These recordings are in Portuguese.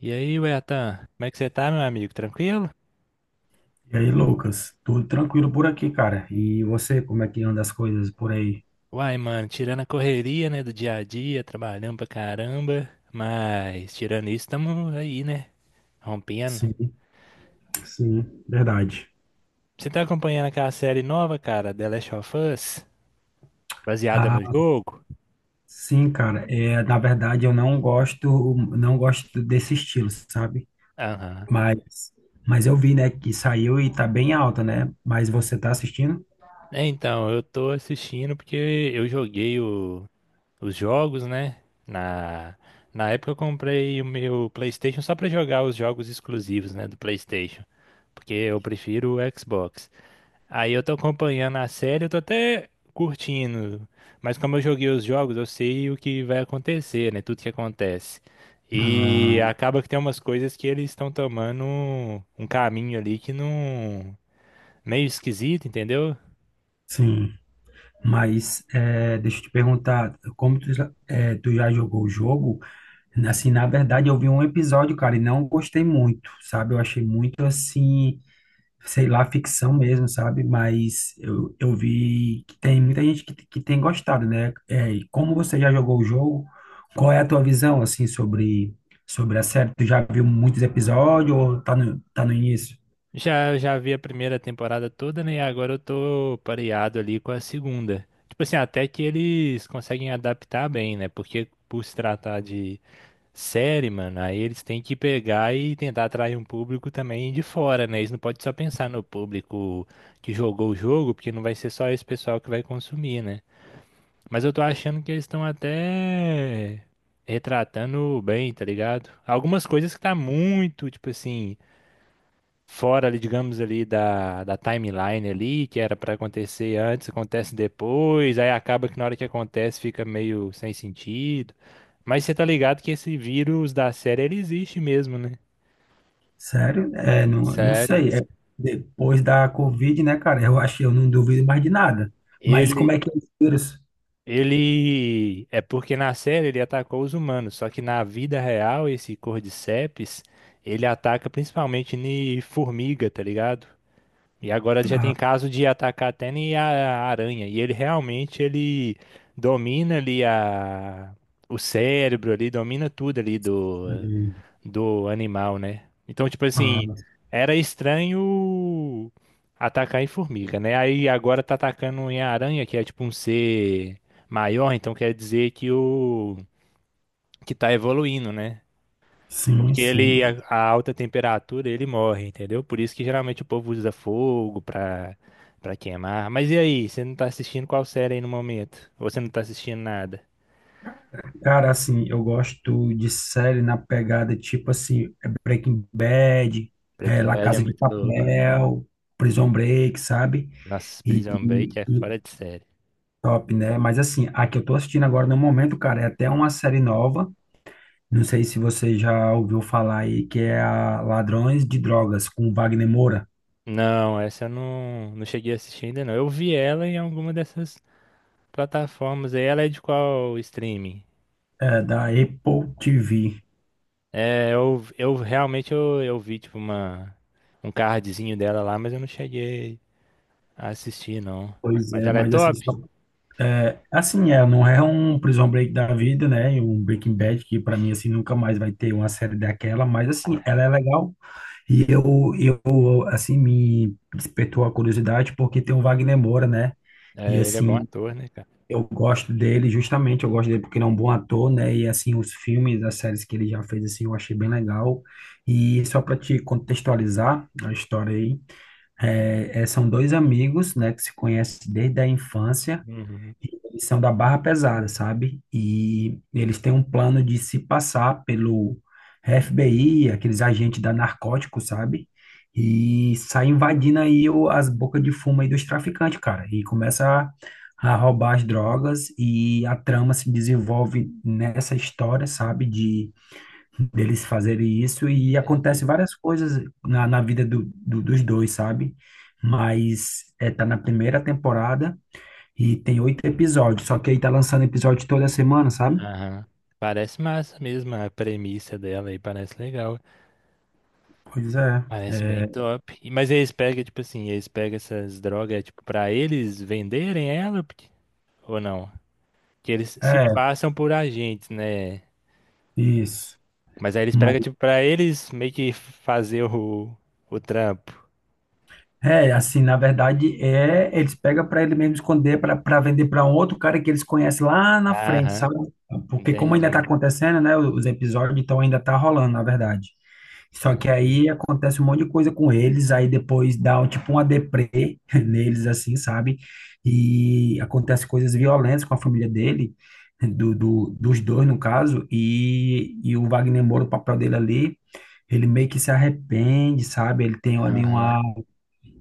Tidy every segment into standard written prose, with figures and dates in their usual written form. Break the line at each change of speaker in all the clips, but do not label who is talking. E aí, Wetan, como é que você tá, meu amigo? Tranquilo?
E aí, Lucas, tudo tranquilo por aqui, cara? E você, como é que anda as coisas por aí?
Uai, mano, tirando a correria, né, do dia a dia, trabalhando pra caramba, mas tirando isso, tamo aí, né, rompendo.
Sim, sim, verdade.
Você tá acompanhando aquela série nova, cara, The Last of Us, baseada no
Ah,
jogo?
sim, cara. Na verdade, eu não gosto, não gosto desse estilo, sabe?
Aham.
Mas, mas eu vi, né, que saiu e tá bem alta, né? Mas você tá assistindo?
É, então, eu tô assistindo porque eu joguei o- os jogos, né, na... na época eu comprei o meu PlayStation só pra jogar os jogos exclusivos, né, do PlayStation, porque eu prefiro o Xbox. Aí eu tô acompanhando a série, eu tô até curtindo. Mas como eu joguei os jogos, eu sei o que vai acontecer, né? Tudo que acontece. E
Ah,
acaba que tem umas coisas que eles estão tomando um caminho ali que não, meio esquisito, entendeu?
sim. Mas é, deixa eu te perguntar, como tu, tu já jogou o jogo? Assim, na verdade, eu vi um episódio, cara, e não gostei muito, sabe? Eu achei muito assim, sei lá, ficção mesmo, sabe? Mas eu vi que tem muita gente que tem gostado, né? É, e como você já jogou o jogo, qual é a tua visão, assim, sobre a série? Tu já viu muitos episódios ou tá tá no início?
Já, já vi a primeira temporada toda, né? E agora eu tô pareado ali com a segunda. Tipo assim, até que eles conseguem adaptar bem, né? Porque por se tratar de série, mano, aí eles têm que pegar e tentar atrair um público também de fora, né? Eles não podem só pensar no público que jogou o jogo, porque não vai ser só esse pessoal que vai consumir, né? Mas eu tô achando que eles estão até retratando bem, tá ligado? Algumas coisas que tá muito, tipo assim, fora ali, digamos ali da timeline ali, que era para acontecer antes, acontece depois, aí acaba que na hora que acontece fica meio sem sentido. Mas você tá ligado que esse vírus da série ele existe mesmo, né?
Sério? É, não, não
Sério?
sei. É, depois da Covid, né, cara? Eu acho que eu não duvido mais de nada. Mas como
Ele
é que é esse vírus?
ele é porque na série ele atacou os humanos, só que na vida real esse Cordyceps, ele ataca principalmente em formiga, tá ligado? E agora já tem
Ah,
caso de atacar até nem a aranha. E ele realmente ele domina ali a, o cérebro ali, domina tudo ali do, do animal, né? Então, tipo
ah,
assim, era estranho atacar em formiga, né? Aí agora tá atacando em aranha, que é tipo um ser maior, então quer dizer que o que tá evoluindo, né?
sim,
Porque ele, a,
sim.
a alta temperatura, ele morre, entendeu? Por isso que geralmente o povo usa fogo pra, pra queimar. Mas e aí, você não tá assistindo qual série aí no momento? Ou você não tá assistindo nada?
Cara, assim, eu gosto de série na pegada tipo assim, é Breaking Bad, é
Breaking
La
Bad é
Casa de
muito louco.
Papel, Prison Break, sabe?
Nossa,
E,
Prison Break é
e
fora de série.
top, né? Mas assim, a que eu tô assistindo agora no momento, cara, é até uma série nova. Não sei se você já ouviu falar aí, que é a Ladrões de Drogas, com Wagner Moura,
Não, essa eu não, não cheguei a assistir ainda não. Eu vi ela em alguma dessas plataformas aí. Ela é de qual streaming?
é, da Apple TV.
É, eu realmente eu vi tipo uma, um cardzinho dela lá, mas eu não cheguei. Ah, assisti, não.
Pois
Mas
é,
ela é
mas assim, só
top?
É, assim, é, não é um Prison Break da vida, né? E um Breaking Bad que pra mim assim nunca mais vai ter uma série daquela, mas assim,
Ah,
ela é legal e eu assim, me despertou a curiosidade porque tem o Wagner Moura, né? E
é, ele é bom
assim,
ator, né, cara?
eu gosto dele justamente, eu gosto dele porque ele é um bom ator, né? E assim, os filmes, as séries que ele já fez assim, eu achei bem legal. E só pra te contextualizar a história aí, são dois amigos, né, que se conhecem desde a infância.
Uhum.
Eles são da barra pesada, sabe? E eles têm um plano de se passar pelo FBI, aqueles agentes da narcótico, sabe? E sai invadindo aí as bocas de fumo aí dos traficantes, cara. E começa a roubar as drogas e a trama se desenvolve nessa história, sabe? De deles fazerem isso e acontece
Entendi.
várias coisas na vida dos dois, sabe? Mas é, tá na primeira temporada. E tem oito episódios, só que aí tá lançando episódio toda semana, sabe?
Aham. Parece massa mesmo a premissa dela aí, parece legal.
Pois é.
Parece bem
É,
top. E mas eles pegam, tipo assim, eles pegam essas drogas, é, tipo, pra eles venderem ela porque, ou não? Que eles se
é
passam por agentes, né?
Isso.
Mas aí eles
mas-
pegam, tipo, pra eles meio que fazer o trampo.
assim, na verdade, é, eles pegam para ele mesmo esconder para vender para um outro cara que eles conhecem lá na frente,
Aham,
sabe? Porque como ainda tá
entendi.
acontecendo, né, os episódios, então ainda tá rolando, na verdade. Só que
Saquei.
aí acontece um monte de coisa com eles, aí depois dá um, tipo uma deprê neles, assim, sabe? E acontece coisas violentas com a família dele, dos dois, no caso, e o Wagner Moura, o papel dele ali, ele meio que se arrepende, sabe? Ele tem ali
Aham.
uma...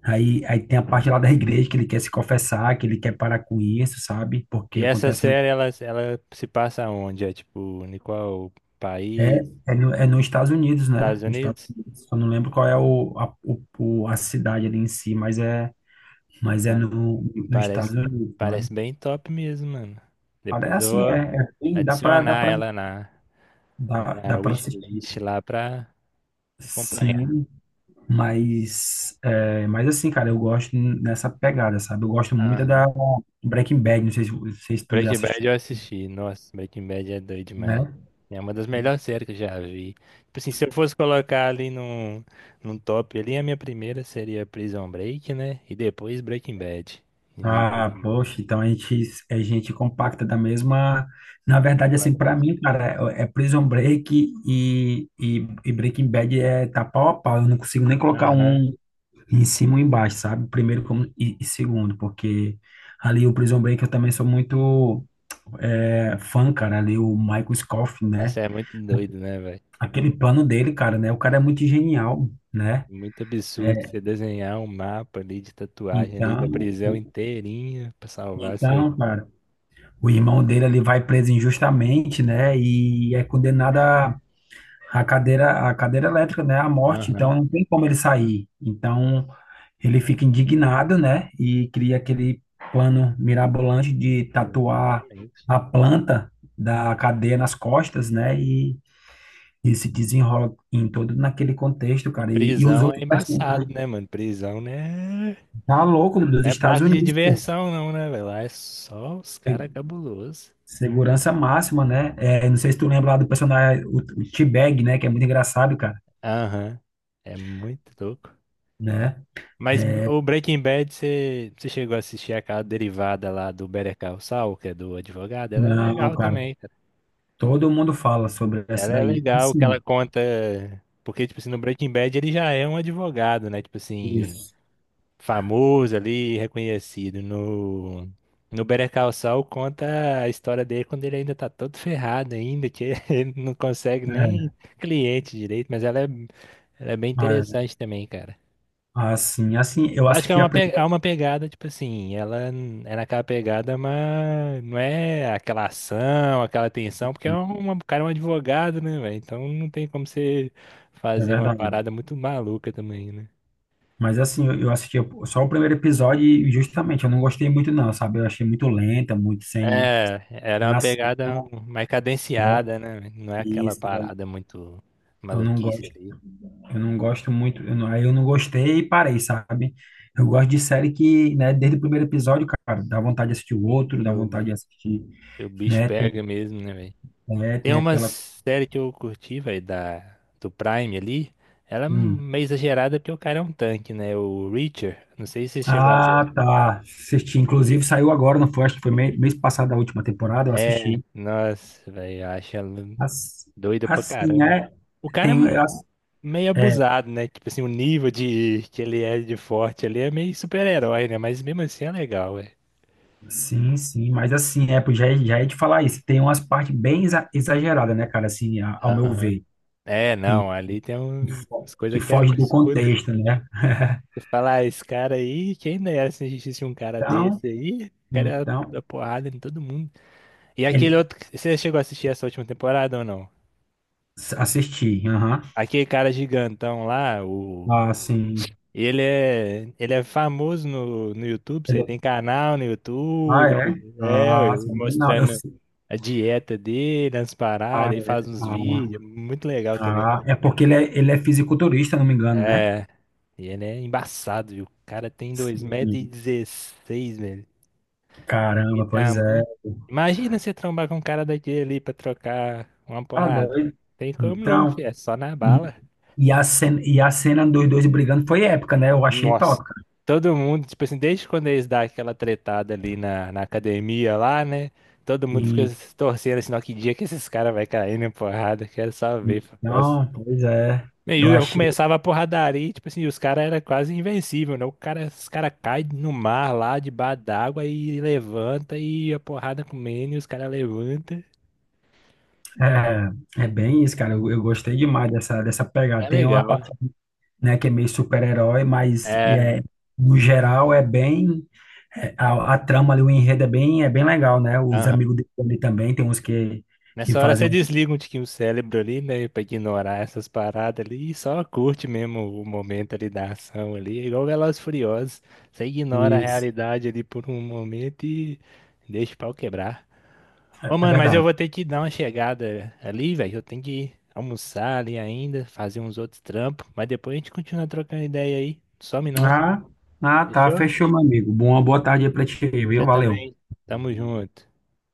Aí, aí tem a parte lá da igreja que ele quer se confessar, que ele quer parar com isso, sabe? Porque
E essa
acontece
série, ela se passa onde? É tipo, em qual
É,
país?
é, no, é nos Estados Unidos, né?
Estados
Nos Estados
Unidos?
Unidos. Eu não lembro qual é o, a, o- o- a cidade ali em si, mas é
Não,
no, nos Estados
parece,
Unidos, sabe?
parece bem top mesmo, mano.
Cara, é
Depois eu
assim,
vou
é bem- dá pra, dá
adicionar
pra,
ela na, na
dá
minha
pra assistir.
wishlist lá pra acompanhar.
Sim, mas, é, mas assim, cara, eu gosto nessa pegada, sabe? Eu gosto muito da
Aham.
Breaking Bad, não sei se, não sei se tu já
Breaking
assistiu,
Bad eu assisti. Nossa, Breaking Bad é doido demais.
né?
É uma das melhores séries que eu já vi. Tipo assim, se eu fosse colocar ali num, num top ali, a minha primeira seria Prison Break, né? E depois Breaking Bad. Em nível
Ah, poxa, então a gente compacta da mesma. Na
de
verdade, assim, pra
qualidade.
mim, cara, é Prison Break e Breaking Bad é tá pau a pau. Eu não consigo nem colocar
Aham.
um em cima ou embaixo, sabe? Primeiro como, e segundo, porque ali o Prison Break eu também sou muito é, fã, cara. Ali o Michael Scofield, né?
Nossa, é muito doido, né, velho?
Aquele plano dele, cara, né? O cara é muito genial, né?
Muito absurdo
É,
você desenhar um mapa ali de tatuagem ali da
então,
prisão
o-
inteirinha pra salvar seu
então,
irmão.
cara, o irmão dele ele vai preso injustamente, né? E é condenado à à cadeira elétrica, né? À morte. Então
Aham,
não tem como ele sair. Então ele fica indignado, né? E cria aquele plano mirabolante de tatuar
exatamente.
a planta da cadeia nas costas, né? E se desenrola em todo naquele contexto,
E
cara. E os
prisão é
outros personagens
embaçado, né, mano? Prisão, né?
tá louco dos
Não é
Estados
parque de
Unidos, pô.
diversão, não, né, velho? Lá é só os caras cabulosos.
Segurança máxima, né? É, não sei se tu lembra lá do personagem, o T-Bag, né? Que é muito engraçado, cara,
Aham, é muito louco.
né?
Mas
É,
o Breaking Bad, você chegou a assistir aquela derivada lá do Better Call Saul, que é do advogado? Ela é
não,
legal
cara,
também.
todo mundo fala sobre essa
Ela é
daí. É
legal que ela
sim,
conta. Porque, tipo assim, no Breaking Bad ele já é um advogado, né? Tipo assim,
isso.
famoso ali, reconhecido. No, no Better Call Saul conta a história dele quando ele ainda tá todo ferrado ainda, que ele não consegue
É,
nem cliente direito, mas ela é bem
é,
interessante também, cara.
assim, assim, eu
Eu acho que é
assisti a
uma, é
primeira,
uma pegada, tipo assim, é naquela pegada, mas não é aquela ação, aquela tensão, porque é uma, o cara é um advogado, né, velho? Então não tem como você
é
fazer uma
verdade.
parada muito maluca também, né?
Mas assim, eu assisti só o primeiro episódio e justamente eu não gostei muito não, sabe? Eu achei muito lenta, muito
É, era
sem
uma
ação,
pegada mais
né?
cadenciada, né, véi? Não é aquela
Isso, velho.
parada muito
Eu não
maluquice
gosto.
ali.
Eu não gosto muito, eu não- aí eu não gostei e parei, sabe? Eu gosto de série que, né, desde o primeiro episódio, cara, dá vontade de assistir o outro,
E
dá
o,
vontade de assistir,
e o bicho
né? Tem,
pega mesmo, né, velho?
é,
Tem
tem
uma
aquela.
série que eu curti, velho, da do Prime ali. Ela é
Hum.
meio exagerada porque o cara é um tanque, né? O Reacher. Não sei se você chegou a
Ah,
ver.
tá. Assisti. Inclusive, saiu agora, não foi? Acho que foi mês passado a última temporada, eu
É,
assisti.
nossa, velho, eu acho ela
As-
doida pra
Assim,
caramba.
né?
O cara é
Tem, as-
meio
É,
abusado, né? Tipo assim, o nível de que ele é de forte ali é meio super-herói, né? Mas mesmo assim é legal, velho.
sim, sim, mas assim, é, pô, já ia te falar isso. Tem umas partes bem exageradas, né, cara, assim, ao meu
Aham.
ver,
É,
e,
não, ali tem umas
que
coisas que é
foge do
absurdo.
contexto, né?
Você fala, ah, esse cara aí, quem dera se existisse um cara
Então,
desse aí, o cara ia
então,
dar porrada em todo mundo. E aquele
ele
outro você chegou a assistir essa última temporada ou não?
assisti, aham.
Aquele cara gigantão lá. O.
Ah, sim.
Ele é famoso no, no YouTube, você
Ele-
tem canal no
ah,
YouTube,
é?
é,
Ah,
ele
sabia não. Eu,
mostrando a dieta dele, as
ah,
paradas, ele faz
é.
uns
Ah,
vídeos, muito legal também.
tá, é porque ele é fisiculturista, não me engano, né?
É, e ele é embaçado, viu? O cara tem dois metros e
Sim.
dezesseis, velho. Que
Caramba, pois é.
tamanho. Imagina você trombar com um cara daquele ali pra trocar uma
Tá
porrada.
doido.
Tem como não,
Então,
filho, é só na
e,
bala.
e a cena dos dois brigando foi épica, né? Eu achei
Nossa,
top, cara.
todo mundo, tipo assim, desde quando eles dão aquela tretada ali na, na academia lá, né? Todo mundo fica
E,
se torcendo assim, ó, que dia que esses caras vai cair na porrada, quero só ver. Mas,
então, pois é.
né, e
Eu
eu
achei.
começava a porradaria, e, tipo assim, os caras eram quase invencível, né? O cara, os caras caem no mar lá, debaixo d'água, e levanta, e a porrada comendo, e os caras levantam.
É, é bem isso, cara. Eu gostei demais dessa, dessa
É
pegada. Tem uma
legal.
parte, né, que é meio super-herói, mas e
É,
é, no geral é bem é, a trama ali, o enredo é bem legal, né? Os
aham,
amigos dele ali também tem uns que
nessa hora
fazem
você
um
desliga um tiquinho o cérebro ali, né? Pra ignorar essas paradas ali e só curte mesmo o momento ali da ação ali. É igual Velozes e Furiosos. Você ignora a
isso.
realidade ali por um momento e deixa o pau quebrar. Ô,
É
mano, mas eu
verdade.
vou ter que dar uma chegada ali, velho. Eu tenho que almoçar ali ainda, fazer uns outros trampos. Mas depois a gente continua trocando ideia aí. Some não.
Ah, ah, tá,
Fechou?
fechou, meu amigo. Boa, boa tarde aí pra ti,
Você
viu? Valeu.
também. Tamo junto.